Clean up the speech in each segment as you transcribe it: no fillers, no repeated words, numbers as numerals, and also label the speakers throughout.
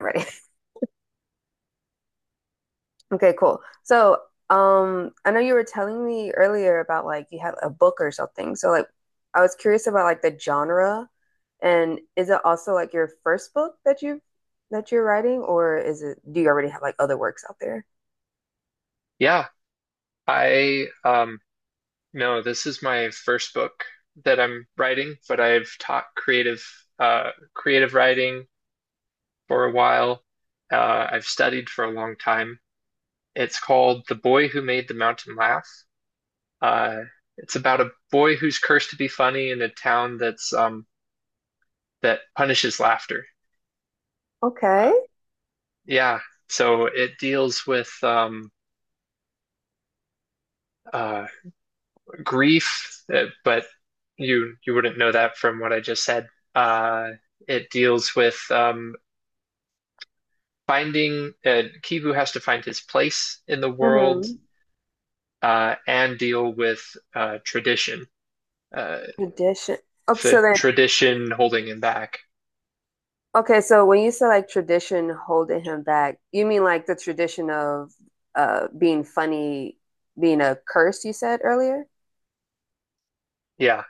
Speaker 1: Right. Okay, cool. I know you were telling me earlier about like you had a book or something. So like I was curious about like the genre, and is it also like your first book that you're writing, or is it do you already have like other works out there?
Speaker 2: Yeah, I no, this is my first book that I'm writing, but I've taught creative writing for a while. I've studied for a long time. It's called The Boy Who Made the Mountain Laugh. Uh it's about a boy who's cursed to be funny in a town that punishes laughter. Uh,
Speaker 1: Okay.
Speaker 2: yeah, so it deals with uh grief, but you wouldn't know that from what I just said. Uh, it deals with finding Kivu has to find his place in the world,
Speaker 1: Mm-hmm.
Speaker 2: and deal with uh, tradition, uh,
Speaker 1: Tradition. Oh, so
Speaker 2: the
Speaker 1: then
Speaker 2: tradition holding him back.
Speaker 1: okay, so when you say like tradition holding him back, you mean like the tradition of being funny being a curse you said earlier?
Speaker 2: Yeah,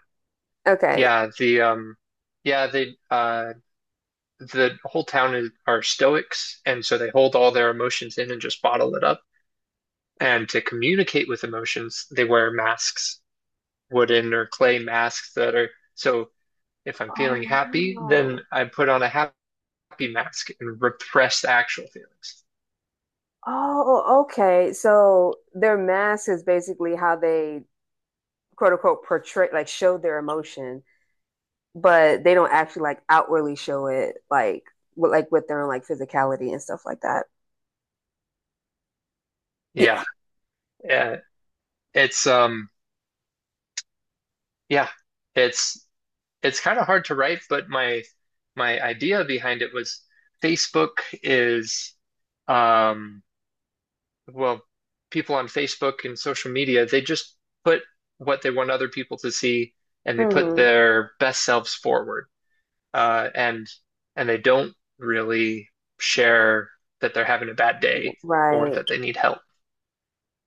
Speaker 1: Okay.
Speaker 2: yeah. The Yeah, the whole town are Stoics, and so they hold all their emotions in and just bottle it up. And to communicate with emotions, they wear masks, wooden or clay masks. That are So if I'm feeling
Speaker 1: Oh
Speaker 2: happy, then
Speaker 1: no.
Speaker 2: I put on a happy mask and repress the actual feelings.
Speaker 1: Oh, okay. So their mask is basically how they quote unquote portray, like show their emotion, but they don't actually like outwardly show it, like with their own like physicality and stuff like that. Yeah.
Speaker 2: Yeah. Uh, it's Yeah, it's it's kind of hard to write, but my idea behind it was Facebook. Is um well, people on Facebook and social media, they just put what they want other people to see, and they put
Speaker 1: hmm
Speaker 2: their best selves forward, uh, and and they don't really share that they're having a bad day or
Speaker 1: Right.
Speaker 2: that they need help.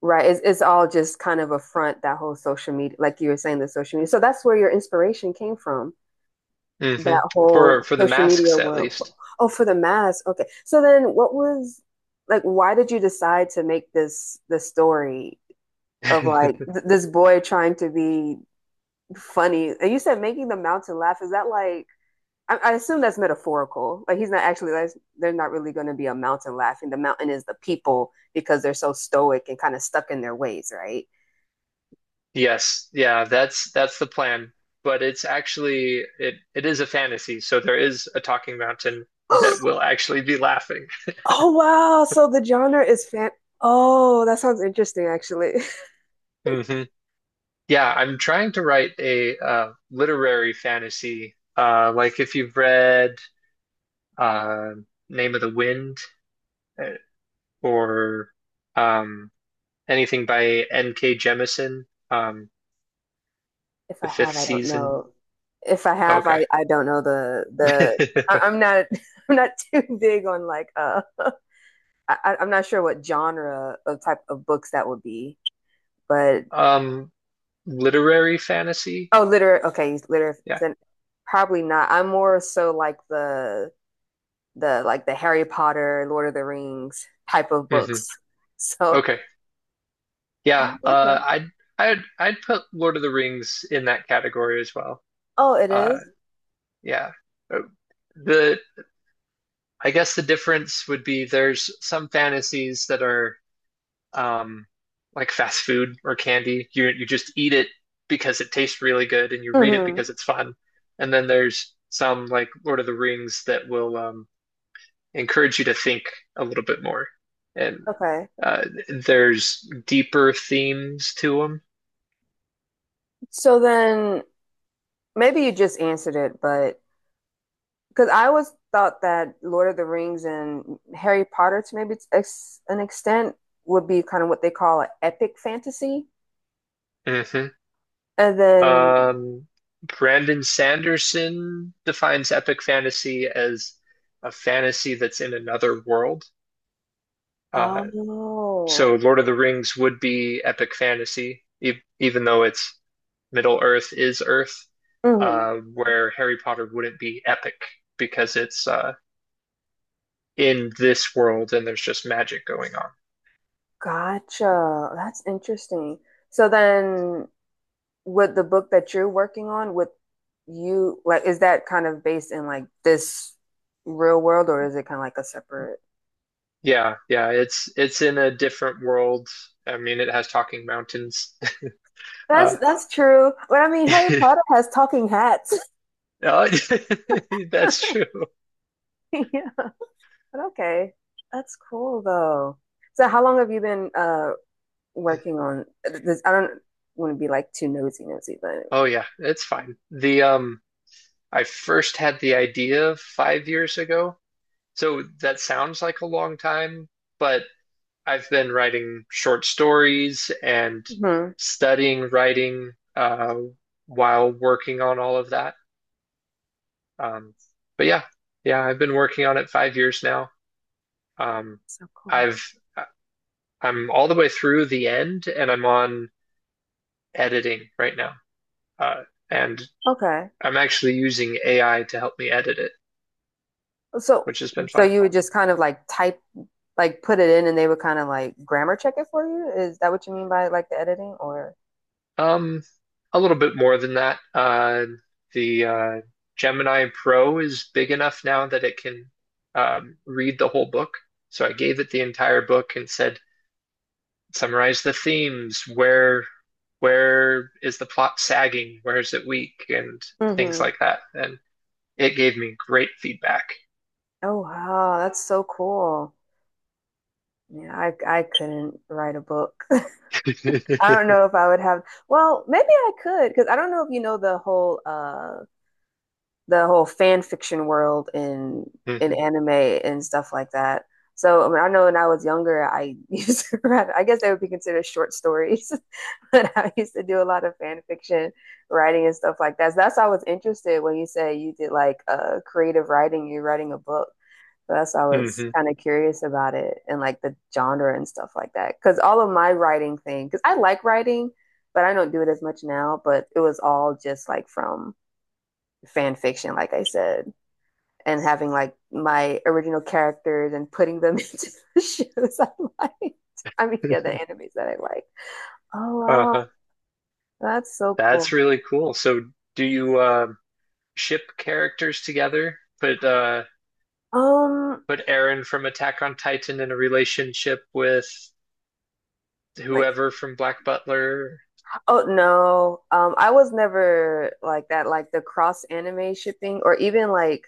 Speaker 1: Right. It's all just kind of a front, that whole social media, like you were saying, the social media. So that's where your inspiration came from,
Speaker 2: Hmm.
Speaker 1: that
Speaker 2: For
Speaker 1: whole
Speaker 2: for the
Speaker 1: social media
Speaker 2: masks at
Speaker 1: world.
Speaker 2: least.
Speaker 1: Oh, for the mask. Okay. So then what was like why did you decide to make this the story of this boy trying to be funny. And you said making the mountain laugh. Is that like I assume that's metaphorical. Like he's not actually like they're not really going to be a mountain laughing. The mountain is the people because they're so stoic and kind of stuck in their ways, right?
Speaker 2: Yes, yeah, that's the plan. But it's actually, it is a fantasy, so there is a talking mountain that will actually be laughing.
Speaker 1: Oh wow! So the genre is fan. Oh, that sounds interesting, actually.
Speaker 2: Hmm. Yeah, I'm trying to write a literary fantasy, like if you've read uh, Name of the Wind, uh, or um, anything by N.K. Jemisin, um,
Speaker 1: If
Speaker 2: the
Speaker 1: I
Speaker 2: fifth
Speaker 1: have, I don't
Speaker 2: season?
Speaker 1: know. If I
Speaker 2: Oh,
Speaker 1: have,
Speaker 2: okay.
Speaker 1: I don't know the. I, I'm not I'm not too big on like I- am not sure what genre of type of books that would be, but
Speaker 2: Um, Literary fantasy?
Speaker 1: oh, literary. Okay, literary.
Speaker 2: Yeah.
Speaker 1: Probably not. I'm more so like the like the Harry Potter, Lord of the Rings type of
Speaker 2: Hmm.
Speaker 1: books. So,
Speaker 2: Okay. Yeah.
Speaker 1: oh, okay.
Speaker 2: I'd put Lord of the Rings in that category as well.
Speaker 1: Oh, it
Speaker 2: Uh,
Speaker 1: is?
Speaker 2: yeah. Uh, The I guess the difference would be there's some fantasies that are um, like fast food or candy. You just eat it because it tastes really good, and you read it
Speaker 1: Mm-hmm.
Speaker 2: because it's fun. And then there's some like Lord of the Rings that will encourage you to think a little bit more. And
Speaker 1: Okay.
Speaker 2: there's deeper themes to
Speaker 1: So then maybe you just answered it, but because I always thought that Lord of the Rings and Harry Potter, to maybe an extent, would be kind of what they call an epic fantasy.
Speaker 2: them. Hmm.
Speaker 1: And then,
Speaker 2: Um, Brandon Sanderson defines epic fantasy as a fantasy that's in another world. Uh, so
Speaker 1: oh,
Speaker 2: Lord of the Rings would be epic fantasy, e even though it's Middle Earth is Earth,
Speaker 1: mhm,
Speaker 2: where Harry Potter wouldn't be epic because it's in this world and there's just magic going on.
Speaker 1: gotcha. That's interesting. So then, with the book that you're working on, with you, like, is that kind of based in like this real world, or is it kind of like a separate?
Speaker 2: Yeah, yeah, it's in a different world. I mean, it has talking mountains. Uh,
Speaker 1: That's true. But I mean, Harry Potter has talking hats.
Speaker 2: uh, that's true.
Speaker 1: Yeah. But okay, that's cool though. So how long have you been working on this? I don't want to be like too nosy nosy, but
Speaker 2: Oh yeah, it's fine. The I first had the idea 5 years ago, so that sounds like a long time, but I've been writing short stories and
Speaker 1: hmm
Speaker 2: studying writing while working on all of that. Um, but yeah, yeah, I've been working on it 5 years now. Um,
Speaker 1: so cool.
Speaker 2: I've I'm all the way through the end, and I'm on editing right now. Uh, and
Speaker 1: Okay,
Speaker 2: I'm actually using AI to help me edit it,
Speaker 1: so
Speaker 2: which has been
Speaker 1: so
Speaker 2: fun.
Speaker 1: you would just kind of like type like put it in, and they would kind of like grammar check it for you. Is that what you mean by like the editing or?
Speaker 2: Um, a little bit more than that. The Gemini Pro is big enough now that it can read the whole book. So I gave it the entire book and said, summarize the themes. Where is the plot sagging? Where is it weak? And things
Speaker 1: Hmm.
Speaker 2: like that. And it gave me great feedback.
Speaker 1: Oh wow, that's so cool. Yeah, I couldn't write a book. I don't know if I would have. Well, maybe I could because I don't know if you know the whole fan fiction world in
Speaker 2: Mhm,
Speaker 1: anime and stuff like that. So I, mean, I know when I was younger, I used to write, I guess they would be considered short stories, but I used to do a lot of fan fiction writing and stuff like that. So that's why I was interested when you say you did like creative writing, you're writing a book. So that's why I was
Speaker 2: mhm.
Speaker 1: kind of curious about it and like the genre and stuff like that. Because all of my writing thing, because I like writing, but I don't do it as much now, but it was all just like from fan fiction, like I said and having like my original characters and putting them into the shows I liked. I mean, yeah, the animes that I like. Oh wow,
Speaker 2: Uh-huh.
Speaker 1: that's so cool.
Speaker 2: That's really cool. So do you ship characters together?
Speaker 1: Um,
Speaker 2: Put Aaron from Attack on Titan in a relationship with
Speaker 1: like
Speaker 2: whoever from Black Butler.
Speaker 1: oh no, I was never like that. Like the cross anime shipping, or even like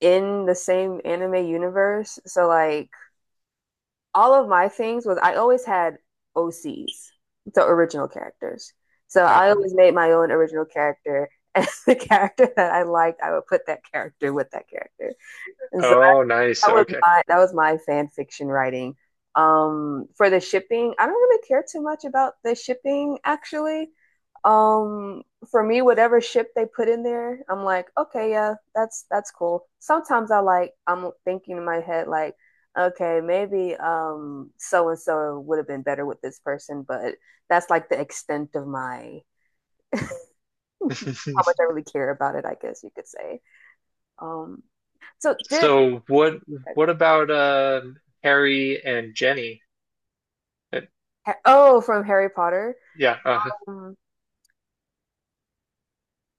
Speaker 1: in the same anime universe. So like all of my things was I always had OCs, so original characters. So
Speaker 2: Uh,
Speaker 1: I always made my own original character, and the character that I liked, I would put that character with that character. And so
Speaker 2: oh, nice.
Speaker 1: that was
Speaker 2: Okay.
Speaker 1: my that was my fan fiction writing. For the shipping, I don't really care too much about the shipping actually. Um, for me, whatever ship they put in there, I'm like, okay, yeah, that's cool. Sometimes I like I'm thinking in my head like, okay, maybe so and so would have been better with this person, but that's like the extent of my how much I really care about it, I guess you could say. Um, so did
Speaker 2: So what about Harry and Jenny? Uh,
Speaker 1: oh from Harry Potter.
Speaker 2: yeah,
Speaker 1: Um,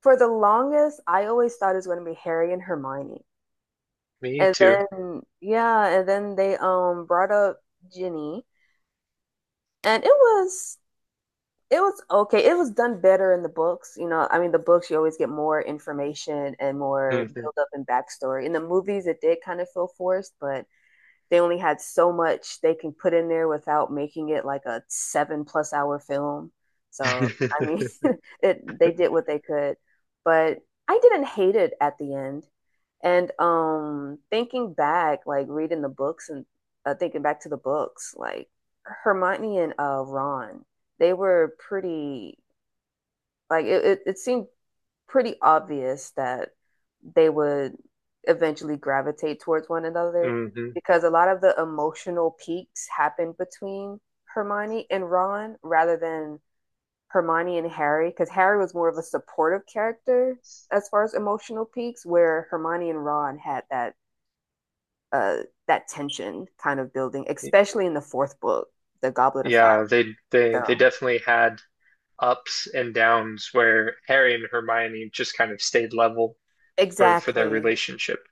Speaker 1: for the longest, I always thought it was going to be Harry and Hermione,
Speaker 2: me
Speaker 1: and
Speaker 2: too.
Speaker 1: then yeah, and then they brought up Ginny. And it was okay. It was done better in the books. You know, I mean, the books you always get more information and more
Speaker 2: Hmm.
Speaker 1: build up and backstory. In the movies, it did kind of feel forced, but they only had so much they can put in there without making it like a seven plus hour film. So I mean, it they did what they could, but I didn't hate it at the end. And thinking back, like reading the books and thinking back to the books, like Hermione and Ron, they were pretty like it seemed pretty obvious that they would eventually gravitate towards one another
Speaker 2: Hmm.
Speaker 1: because a lot of the emotional peaks happened between Hermione and Ron rather than Hermione and Harry because Harry was more of a supportive character as far as emotional peaks where Hermione and Ron had that uh that tension kind of building, especially in the fourth book, the Goblet of Fire,
Speaker 2: Yeah, they
Speaker 1: so
Speaker 2: definitely had ups and downs where Harry and Hermione just kind of stayed level for their
Speaker 1: exactly.
Speaker 2: relationship.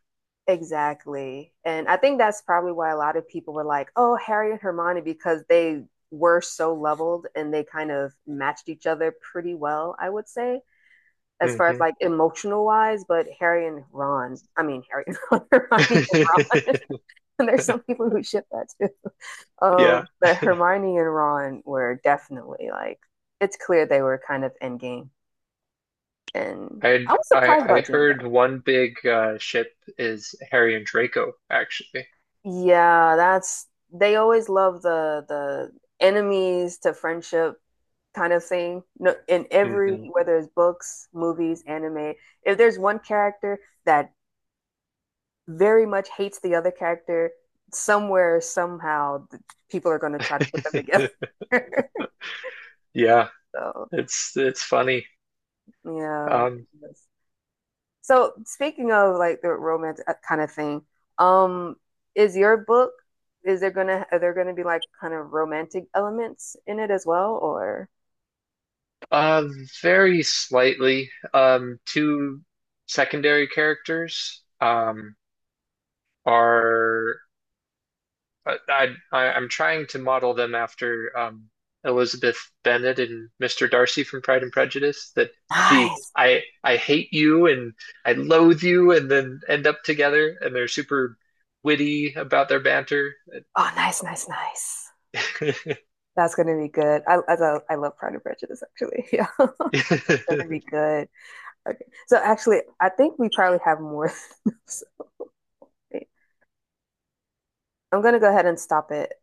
Speaker 1: Exactly. And I think that's probably why a lot of people were like, oh, Harry and Hermione, because they were so leveled and they kind of matched each other pretty well, I would say, as far as
Speaker 2: Hmm.
Speaker 1: like emotional wise. But Harry and Ron, I mean, Harry and Ron, Hermione and Ron, and there's some people who ship that too.
Speaker 2: Yeah.
Speaker 1: But Hermione and Ron were definitely like, it's clear they were kind of endgame. And
Speaker 2: I
Speaker 1: I was
Speaker 2: I
Speaker 1: surprised
Speaker 2: I
Speaker 1: about Jane,
Speaker 2: heard
Speaker 1: though.
Speaker 2: one big ship is Harry and Draco, actually.
Speaker 1: Yeah, that's they always love the enemies to friendship kind of thing. No, in every
Speaker 2: Hmm.
Speaker 1: whether it's books, movies, anime, if there's one character that very much hates the other character, somewhere somehow the people are going to try to put them together.
Speaker 2: Yeah,
Speaker 1: So,
Speaker 2: it's funny.
Speaker 1: yeah.
Speaker 2: Um,
Speaker 1: So speaking of like the romance kind of thing, um, is your book is there gonna are there gonna be like kind of romantic elements in it as well or?
Speaker 2: uh, Very slightly. Two secondary characters are I- am trying to model them after Elizabeth Bennet and Mr. Darcy from Pride and Prejudice. That the
Speaker 1: Nice.
Speaker 2: I hate you and I loathe you, and then end up together, and they're super witty about their banter.
Speaker 1: Oh, nice, nice, nice. That's gonna be good. I love Pride and Prejudice actually. Yeah, it's gonna be good. Okay, so actually, I think we probably have more. I'm gonna go ahead and stop it